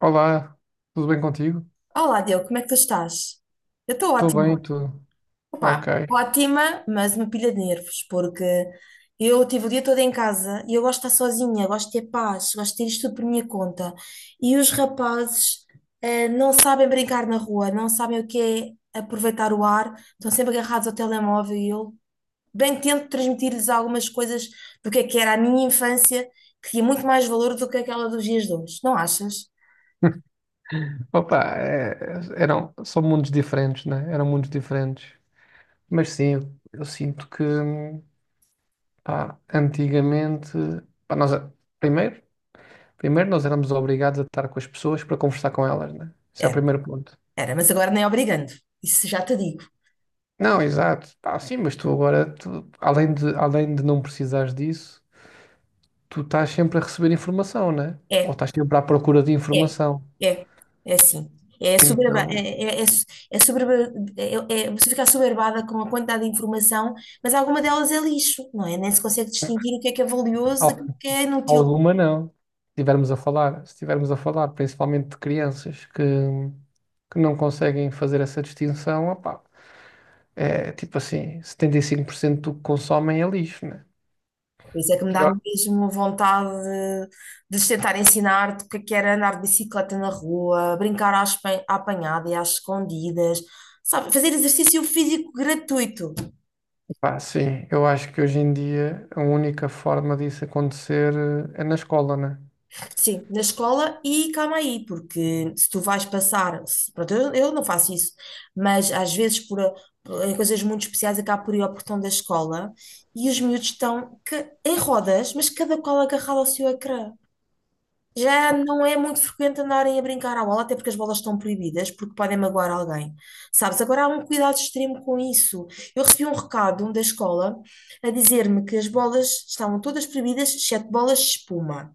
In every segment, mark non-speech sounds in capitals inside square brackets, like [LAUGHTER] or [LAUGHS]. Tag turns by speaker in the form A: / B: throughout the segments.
A: Olá, tudo bem contigo?
B: Olá, Diogo, como é que tu estás? Eu estou
A: Estou
B: ótima.
A: bem, tudo.
B: Opa,
A: Ok.
B: ótima, mas uma pilha de nervos, porque eu tive o dia todo em casa e eu gosto de estar sozinha, gosto de ter paz, gosto de ter isto tudo por minha conta. E os rapazes, não sabem brincar na rua, não sabem o que é aproveitar o ar, estão sempre agarrados ao telemóvel e eu bem tento transmitir-lhes algumas coisas do que é que era a minha infância, que tinha muito mais valor do que aquela dos dias de hoje, não achas?
A: [LAUGHS] Opa, é- são mundos diferentes, né? Eram mundos diferentes. Mas sim, eu sinto que, pá, antigamente, pá, nós, é, primeiro, primeiro nós éramos obrigados a estar com as pessoas para conversar com elas, né? Esse é o
B: Era,
A: primeiro ponto.
B: era, mas agora nem obrigando, isso já te digo.
A: Não, exato. Pá, sim, mas tu agora, tu, além de não precisares disso, tu estás sempre a receber informação, né? Ou
B: É,
A: estás sempre à procura de
B: é,
A: informação.
B: é, é assim. É, soberba,
A: Então,
B: é, é, é, é, soberba- Você fica soberbada com a quantidade de informação, mas alguma delas é lixo, não é? Nem se consegue distinguir o que é valioso
A: ao
B: daquilo que é inútil.
A: Alguma não. Se estivermos a falar, se estivermos a falar principalmente de crianças que não conseguem fazer essa distinção, opá, é tipo assim, 75% do que consomem é lixo, né?
B: Por isso é que me dá
A: Pior.
B: mesmo vontade de lhes tentar ensinar-te o que é que era andar de bicicleta na rua, brincar à apanhada e às escondidas, sabe? Fazer exercício físico gratuito.
A: Opá, sim, eu acho que hoje em dia a única forma disso acontecer é na escola, né?
B: Sim, na escola e calma aí, porque se tu vais passar, se- pronto, eu não faço isso, mas às vezes em coisas muito especiais acaba por ir ao portão da escola e os miúdos estão em rodas, mas cada qual agarrado ao seu ecrã. Já não é muito frequente andarem a brincar à bola, até porque as bolas estão proibidas, porque podem magoar alguém. Sabes, agora há um cuidado extremo com isso. Eu recebi um recado da escola a dizer-me que as bolas estavam todas proibidas, exceto bolas de espuma,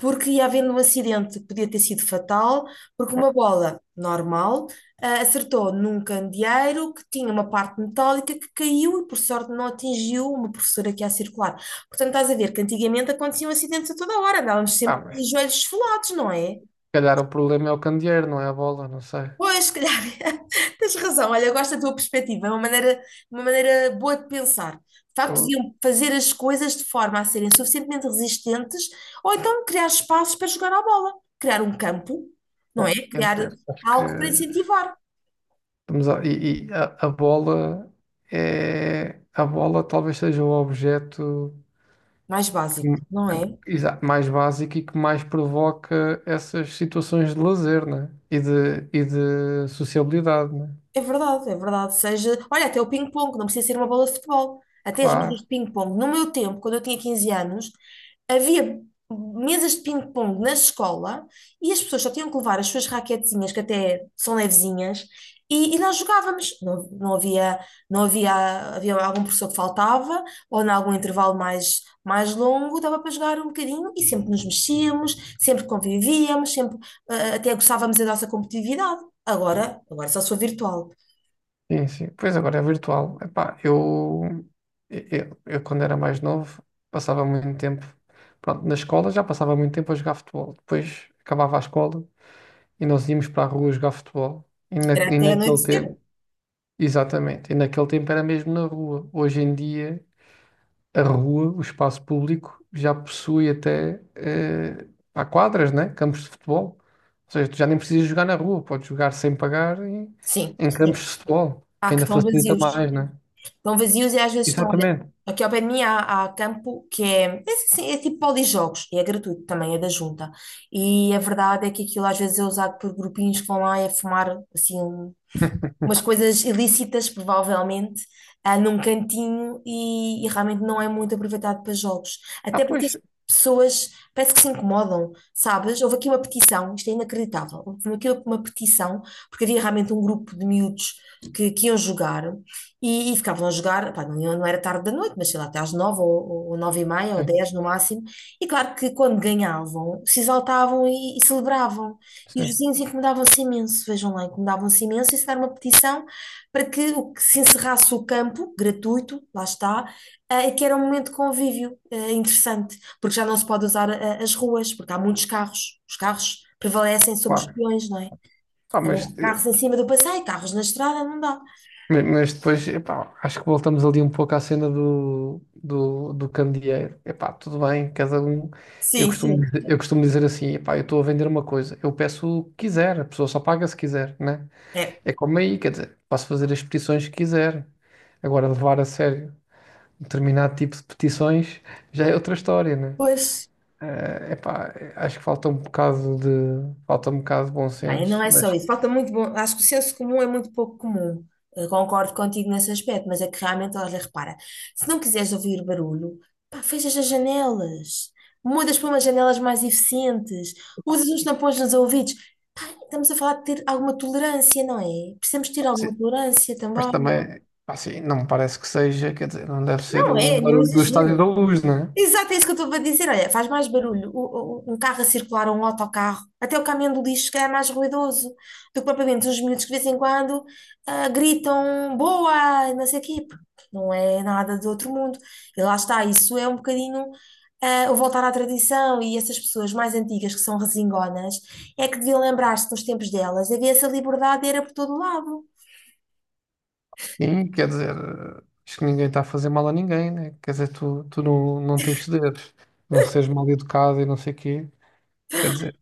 B: porque ia havendo um acidente que podia ter sido fatal, porque uma bola normal acertou num candeeiro que tinha uma parte metálica que caiu e, por sorte, não atingiu uma professora que ia a circular. Portanto, estás a ver que antigamente aconteciam acidentes a toda hora, andávamos
A: Ah,
B: sempre
A: mas
B: de
A: se
B: joelhos esfolados, não é?
A: calhar o problema é o candeeiro, não é a bola, não sei.
B: Pois, se calhar, [LAUGHS] tens razão. Olha, eu gosto da tua perspectiva, é uma maneira boa de pensar. De facto,
A: Ou-
B: deviam fazer as coisas de forma a serem suficientemente resistentes ou então criar espaços para jogar à bola, criar um campo, não
A: bom,
B: é?
A: quer
B: Criar
A: dizer, acho que
B: algo para incentivar,
A: estamos a, e a bola é a bola talvez seja o objeto
B: mais básico,
A: que-
B: não
A: que-
B: é?
A: mais básico e que mais provoca essas situações de lazer, né? E de sociabilidade, né?
B: É verdade, é verdade. Seja, olha, até o ping-pong, não precisa ser uma bola de futebol. Até as mesas
A: Claro,
B: de ping-pong. No meu tempo, quando eu tinha 15 anos, havia mesas de ping-pong na escola e as pessoas só tinham que levar as suas raquetezinhas, que até são levezinhas, e nós jogávamos. Não, não havia, não havia, havia algum professor que faltava, ou em algum intervalo mais longo, dava para jogar um bocadinho e sempre nos mexíamos, sempre convivíamos, sempre, até gostávamos da nossa competitividade. Agora só sou virtual.
A: sim, sim. Pois agora é virtual. Epá, eu quando era mais novo passava muito tempo, pronto, na escola já passava muito tempo a jogar futebol. Depois acabava a escola e nós íamos para a rua jogar futebol.
B: Era
A: E
B: até
A: naquele
B: anoitecer.
A: tempo, exatamente, e naquele tempo era mesmo na rua. Hoje em dia a rua, o espaço público, já possui há quadras, né? Campos de futebol. Ou seja, tu já nem precisas jogar na rua, podes jogar sem pagar em,
B: Sim,
A: em campos
B: sim.
A: de futebol,
B: Há
A: que
B: que
A: ainda
B: estão
A: facilita
B: vazios.
A: mais, né?
B: Estão vazios e às vezes estão. Olha,
A: Exatamente.
B: aqui ao pé de mim há campo que é, é, assim, é tipo polijogos e é gratuito também, é da junta. E a verdade é que aquilo às vezes é usado por grupinhos que vão lá e a fumar assim umas coisas ilícitas, provavelmente, num cantinho e realmente não é muito aproveitado para jogos.
A: Ah,
B: Até porque as
A: pois,
B: pessoas parece que se incomodam, sabes? Houve aqui uma petição, isto é inacreditável, houve aqui uma petição, porque havia realmente um grupo de miúdos que iam jogar e ficavam a jogar, pá, não, não era tarde da noite, mas sei lá, até às nove ou nove e meia ou
A: sim,
B: dez no máximo, e claro que quando ganhavam, se exaltavam e celebravam. E os
A: sim,
B: vizinhos incomodavam-se imenso, vejam lá, incomodavam-se imenso, e se dar uma petição para que se encerrasse o campo, gratuito, lá está, que era um momento de convívio interessante, porque já não se pode usar as ruas, porque há muitos carros, os carros prevalecem sobre os
A: claro.
B: peões, não é?
A: Ah, mas,
B: Então,
A: eh,
B: carros em cima do passeio, carros na estrada, não dá.
A: mas depois, epá, acho que voltamos ali um pouco à cena do candeeiro. Epá, tudo bem, cada um.
B: Sim, sim.
A: Eu costumo dizer assim, epá, eu estou a vender uma coisa, eu peço o que quiser, a pessoa só paga se quiser, né?
B: É,
A: É como aí, quer dizer, posso fazer as petições que quiser. Agora, levar a sério um determinado tipo de petições já é outra história, né?
B: pois.
A: É epá, acho que falta um bocado de bom
B: Ah, e
A: senso,
B: não é só
A: mas,
B: isso. Falta muito bom. Acho que o senso comum é muito pouco comum. Eu concordo contigo nesse aspecto, mas é que realmente, olha, repara, se não quiseres ouvir barulho, pá, fechas as janelas, mudas para umas janelas mais eficientes, usas uns tampões nos ouvidos. Estamos a falar de ter alguma tolerância, não é? Precisamos ter alguma
A: sim,
B: tolerância
A: mas
B: também.
A: também, pá, assim, não me parece que seja, quer dizer, não deve ser
B: Não
A: um
B: é nenhum
A: barulho do Estádio
B: exagero.
A: da Luz, né?
B: Exato, é isso que eu estou a dizer. Olha, faz mais barulho um carro a circular ou um autocarro. Até o caminhão do lixo que é mais ruidoso do que propriamente os miúdos que de vez em quando gritam boa, não sei o quê, porque não é nada do outro mundo. E lá está, isso é um bocadinho o voltar à tradição e essas pessoas mais antigas que são resingonas é que deviam lembrar-se dos tempos delas. Havia essa liberdade, era por todo lado.
A: Sim, quer dizer, acho que ninguém está a fazer mal a ninguém, né? Quer dizer, tu não, não tens de não seres mal educado e não sei o quê, quer dizer,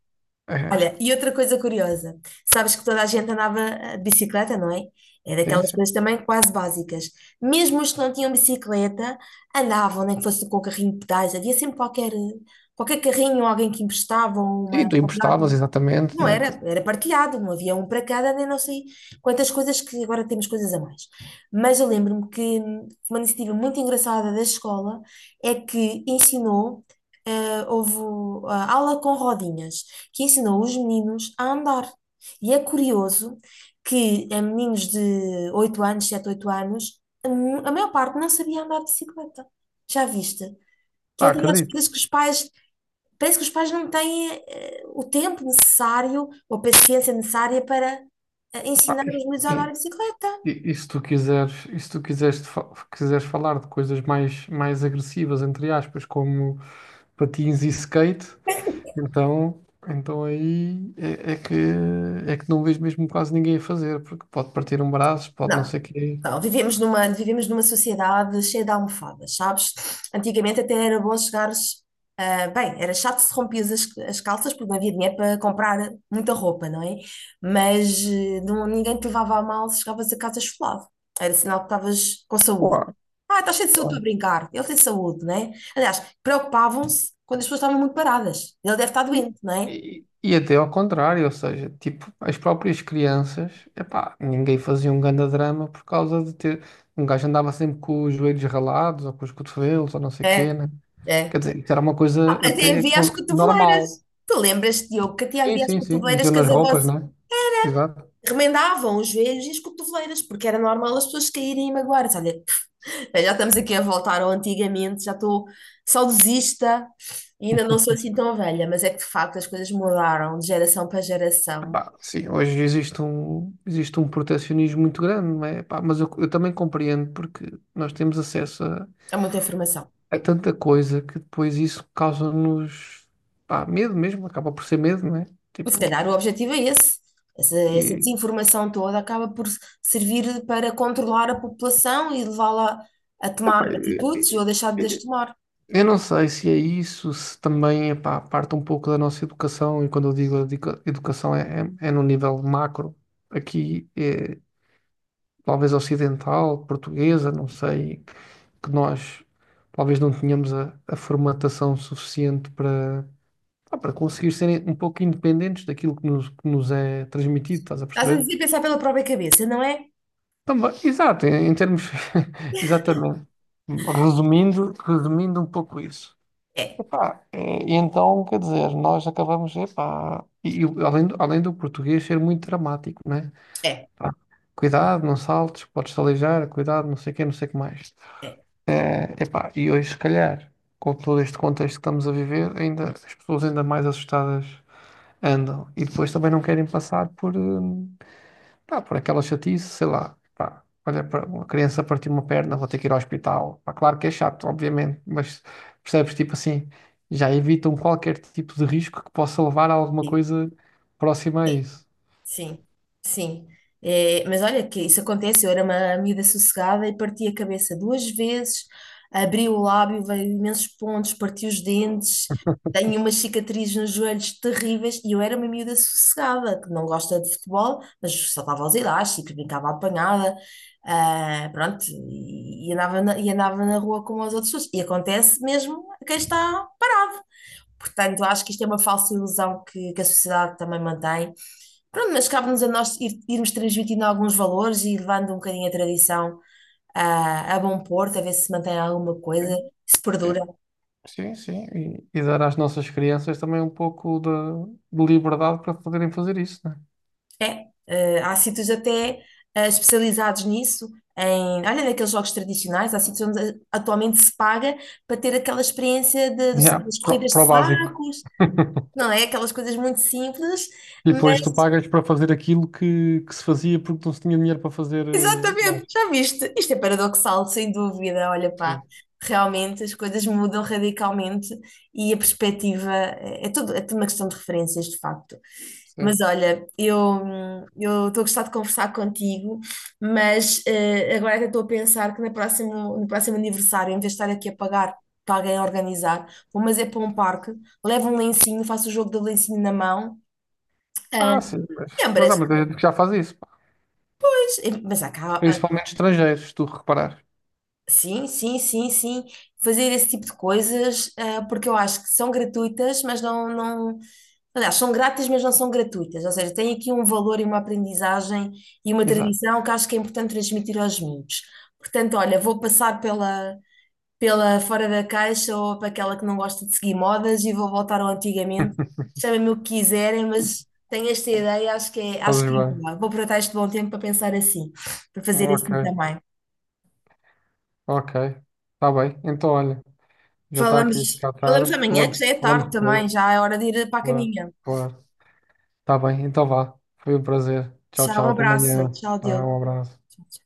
A: é,
B: Olha, e outra coisa curiosa, sabes que toda a gente andava de bicicleta, não é? É
A: sim,
B: daquelas
A: sim.
B: coisas também quase básicas. Mesmo os que não tinham bicicleta, andavam, nem que fosse com o carrinho de pedais, havia sempre qualquer carrinho, alguém que emprestava
A: E
B: uma.
A: tu emprestavas, exatamente,
B: Não
A: né?
B: era,
A: Tipo,
B: era partilhado, não havia um para cada, nem não sei quantas coisas que agora temos coisas a mais. Mas eu lembro-me que uma iniciativa muito engraçada da escola é que ensinou, houve a aula com rodinhas, que ensinou os meninos a andar. E é curioso que meninos de 8 anos, 7 8 anos, a maior parte não sabia andar de bicicleta. Já viste? Que é
A: pá,
B: daquelas
A: acredito.
B: coisas que os pais parece que os pais não têm o tempo necessário ou a paciência necessária para
A: Pá,
B: ensinar
A: e,
B: os miúdos a andar de bicicleta.
A: e- e se tu quiseres, quiseres falar de coisas mais, mais agressivas, entre aspas, como patins e skate, então, então aí é, é que não vejo mesmo quase ninguém a fazer, porque pode partir um braço, pode não
B: Não,
A: sei o quê.
B: não, vivemos vivemos numa sociedade cheia de almofadas, sabes? Antigamente até era bom chegares. Ah, bem, era chato se rompias as calças porque não havia dinheiro para comprar muita roupa, não é? Mas não, ninguém te levava a mal se chegavas a casa esfolado. Era sinal que estavas com saúde.
A: Claro.
B: Ah, estás cheio de saúde para brincar. Ele tem saúde, não é? Aliás, preocupavam-se quando as pessoas estavam muito paradas. Ele deve estar doente, não é?
A: E até ao contrário, ou seja, tipo, as próprias crianças, epá, ninguém fazia um grande drama por causa de ter. Um gajo andava sempre com os joelhos ralados ou com os cotovelos ou não sei o quê,
B: É,
A: né?
B: é.
A: Quer dizer, isso era uma coisa
B: Até havia as
A: normal.
B: cotoveleiras. Tu lembras-te, Diogo, que até
A: Sim,
B: havia as
A: sim, sim.
B: cotoveleiras
A: Metiam
B: que
A: nas
B: as
A: roupas,
B: avós
A: não é? Exato.
B: remendavam os joelhos e as cotoveleiras, porque era normal as pessoas caírem e magoarem. Olha, já estamos aqui a voltar ao antigamente, já estou saudosista e ainda não sou assim tão velha, mas é que de facto as coisas mudaram de geração para geração.
A: Epá, sim, hoje existe um protecionismo muito grande, não é? Epá, mas eu também compreendo porque nós temos acesso
B: Há muita informação.
A: é tanta coisa que depois isso causa-nos pá, medo mesmo, acaba por ser medo, não é?
B: E se
A: Tipo,
B: calhar o objetivo é esse. Essa
A: e,
B: desinformação toda acaba por servir para controlar a população e levá-la a tomar
A: epá,
B: atitudes ou a
A: e-
B: deixar de as
A: e-
B: tomar.
A: eu não sei se é isso, se também epá, parte um pouco da nossa educação, e quando eu digo educação é no nível macro, aqui é, talvez ocidental, portuguesa, não sei, que nós talvez não tenhamos a formatação suficiente para, pá, para conseguir serem um pouco independentes daquilo que nos é transmitido, estás a
B: Estás a
A: perceber?
B: dizer pensar pela própria cabeça, não é?
A: Também, exato, em termos. [LAUGHS] Exatamente. Resumindo um pouco isso.
B: É,
A: Epá, e então, quer dizer, nós acabamos, epá, E além do português ser muito dramático, né?
B: é,
A: Pá, cuidado, não saltes, podes-te aleijar, cuidado, não sei o quê, não sei o que mais.
B: é.
A: É, epá, e hoje, se calhar, com todo este contexto que estamos a viver, ainda, as pessoas ainda mais assustadas andam. E depois também não querem passar por. Pá, por aquela chatice, sei lá. Pá, olha, para uma criança partir uma perna, vou ter que ir ao hospital. Pá, claro que é chato, obviamente, mas percebes, tipo assim, já evitam qualquer tipo de risco que possa levar a alguma
B: Sim,
A: coisa próxima a
B: sim,
A: isso.
B: sim. Sim. É, mas olha que isso acontece, eu era uma miúda sossegada e parti a cabeça 2 vezes, abri o lábio, veio imensos pontos, parti os dentes, tenho umas cicatrizes nos joelhos terríveis e eu era uma miúda sossegada, que não gosta de futebol, mas saltava aos elásticos, brincava à apanhada, pronto, e andava na rua como as outras pessoas. E acontece mesmo a quem está. Portanto, eu acho que isto é uma falsa ilusão que a sociedade também mantém. Pronto, mas cabe-nos a nós irmos transmitindo alguns valores e levando um bocadinho a tradição a bom porto, a ver se se mantém alguma coisa,
A: Sim,
B: se perdura.
A: sim, sim. Sim. E dar às nossas crianças também de liberdade para poderem fazer isso, né?
B: É, há sítios até especializados nisso, em, olha, naqueles jogos tradicionais, há sítios onde atualmente se paga para ter aquela experiência
A: Claro. Yeah,
B: das corridas de
A: pro básico.
B: sacos,
A: [LAUGHS]
B: não é? Aquelas coisas muito simples.
A: E depois tu pagas para fazer aquilo que se fazia porque não se tinha dinheiro para fazer
B: Exatamente,
A: mais.
B: já viste? Isto é paradoxal, sem dúvida. Olha, pá,
A: Sim,
B: realmente as coisas mudam radicalmente e a perspectiva é tudo uma questão de referências, de facto. Mas
A: sim.
B: olha, eu estou a gostar de conversar contigo, mas agora até estou a pensar que no próximo aniversário, em vez de estar aqui a pagar para alguém organizar, vou mas é para um parque, levo um lencinho, faço o jogo do lencinho na mão. Ah,
A: Ah, sim, mas
B: lembras?
A: há muita gente que já faz isso, pá.
B: Pois, mas há cá...
A: Principalmente estrangeiros, se tu reparar,
B: Sim, sim, sim, sim. Fazer esse tipo de coisas, porque eu acho que são gratuitas, mas não, não. Aliás, são grátis, mas não são gratuitas. Ou seja, tem aqui um valor e uma aprendizagem e uma
A: exato.
B: tradição que acho que é importante transmitir aos miúdos. Portanto, olha, vou passar pela fora da caixa ou para aquela que não gosta de seguir modas e vou voltar ao antigamente.
A: [LAUGHS]
B: Chamem-me o que quiserem, mas tenho esta ideia, acho
A: Fazes
B: que é
A: bem.
B: boa. Vou aproveitar este bom tempo para pensar assim, para fazer
A: Ok,
B: assim também.
A: ok. Está bem. Então, olha, já está aqui a
B: Falamos,
A: ficar
B: falamos
A: tarde.
B: amanhã,
A: Falamos,
B: que já é
A: falamos
B: tarde também,
A: depois.
B: já é hora de ir para a
A: Claro,
B: caminha.
A: claro. Está bem, então vá. Foi um prazer. Tchau,
B: Tchau, um
A: tchau. Até
B: abraço.
A: amanhã.
B: Tchau,
A: Tá,
B: Diogo.
A: um abraço.
B: Tchau, tchau.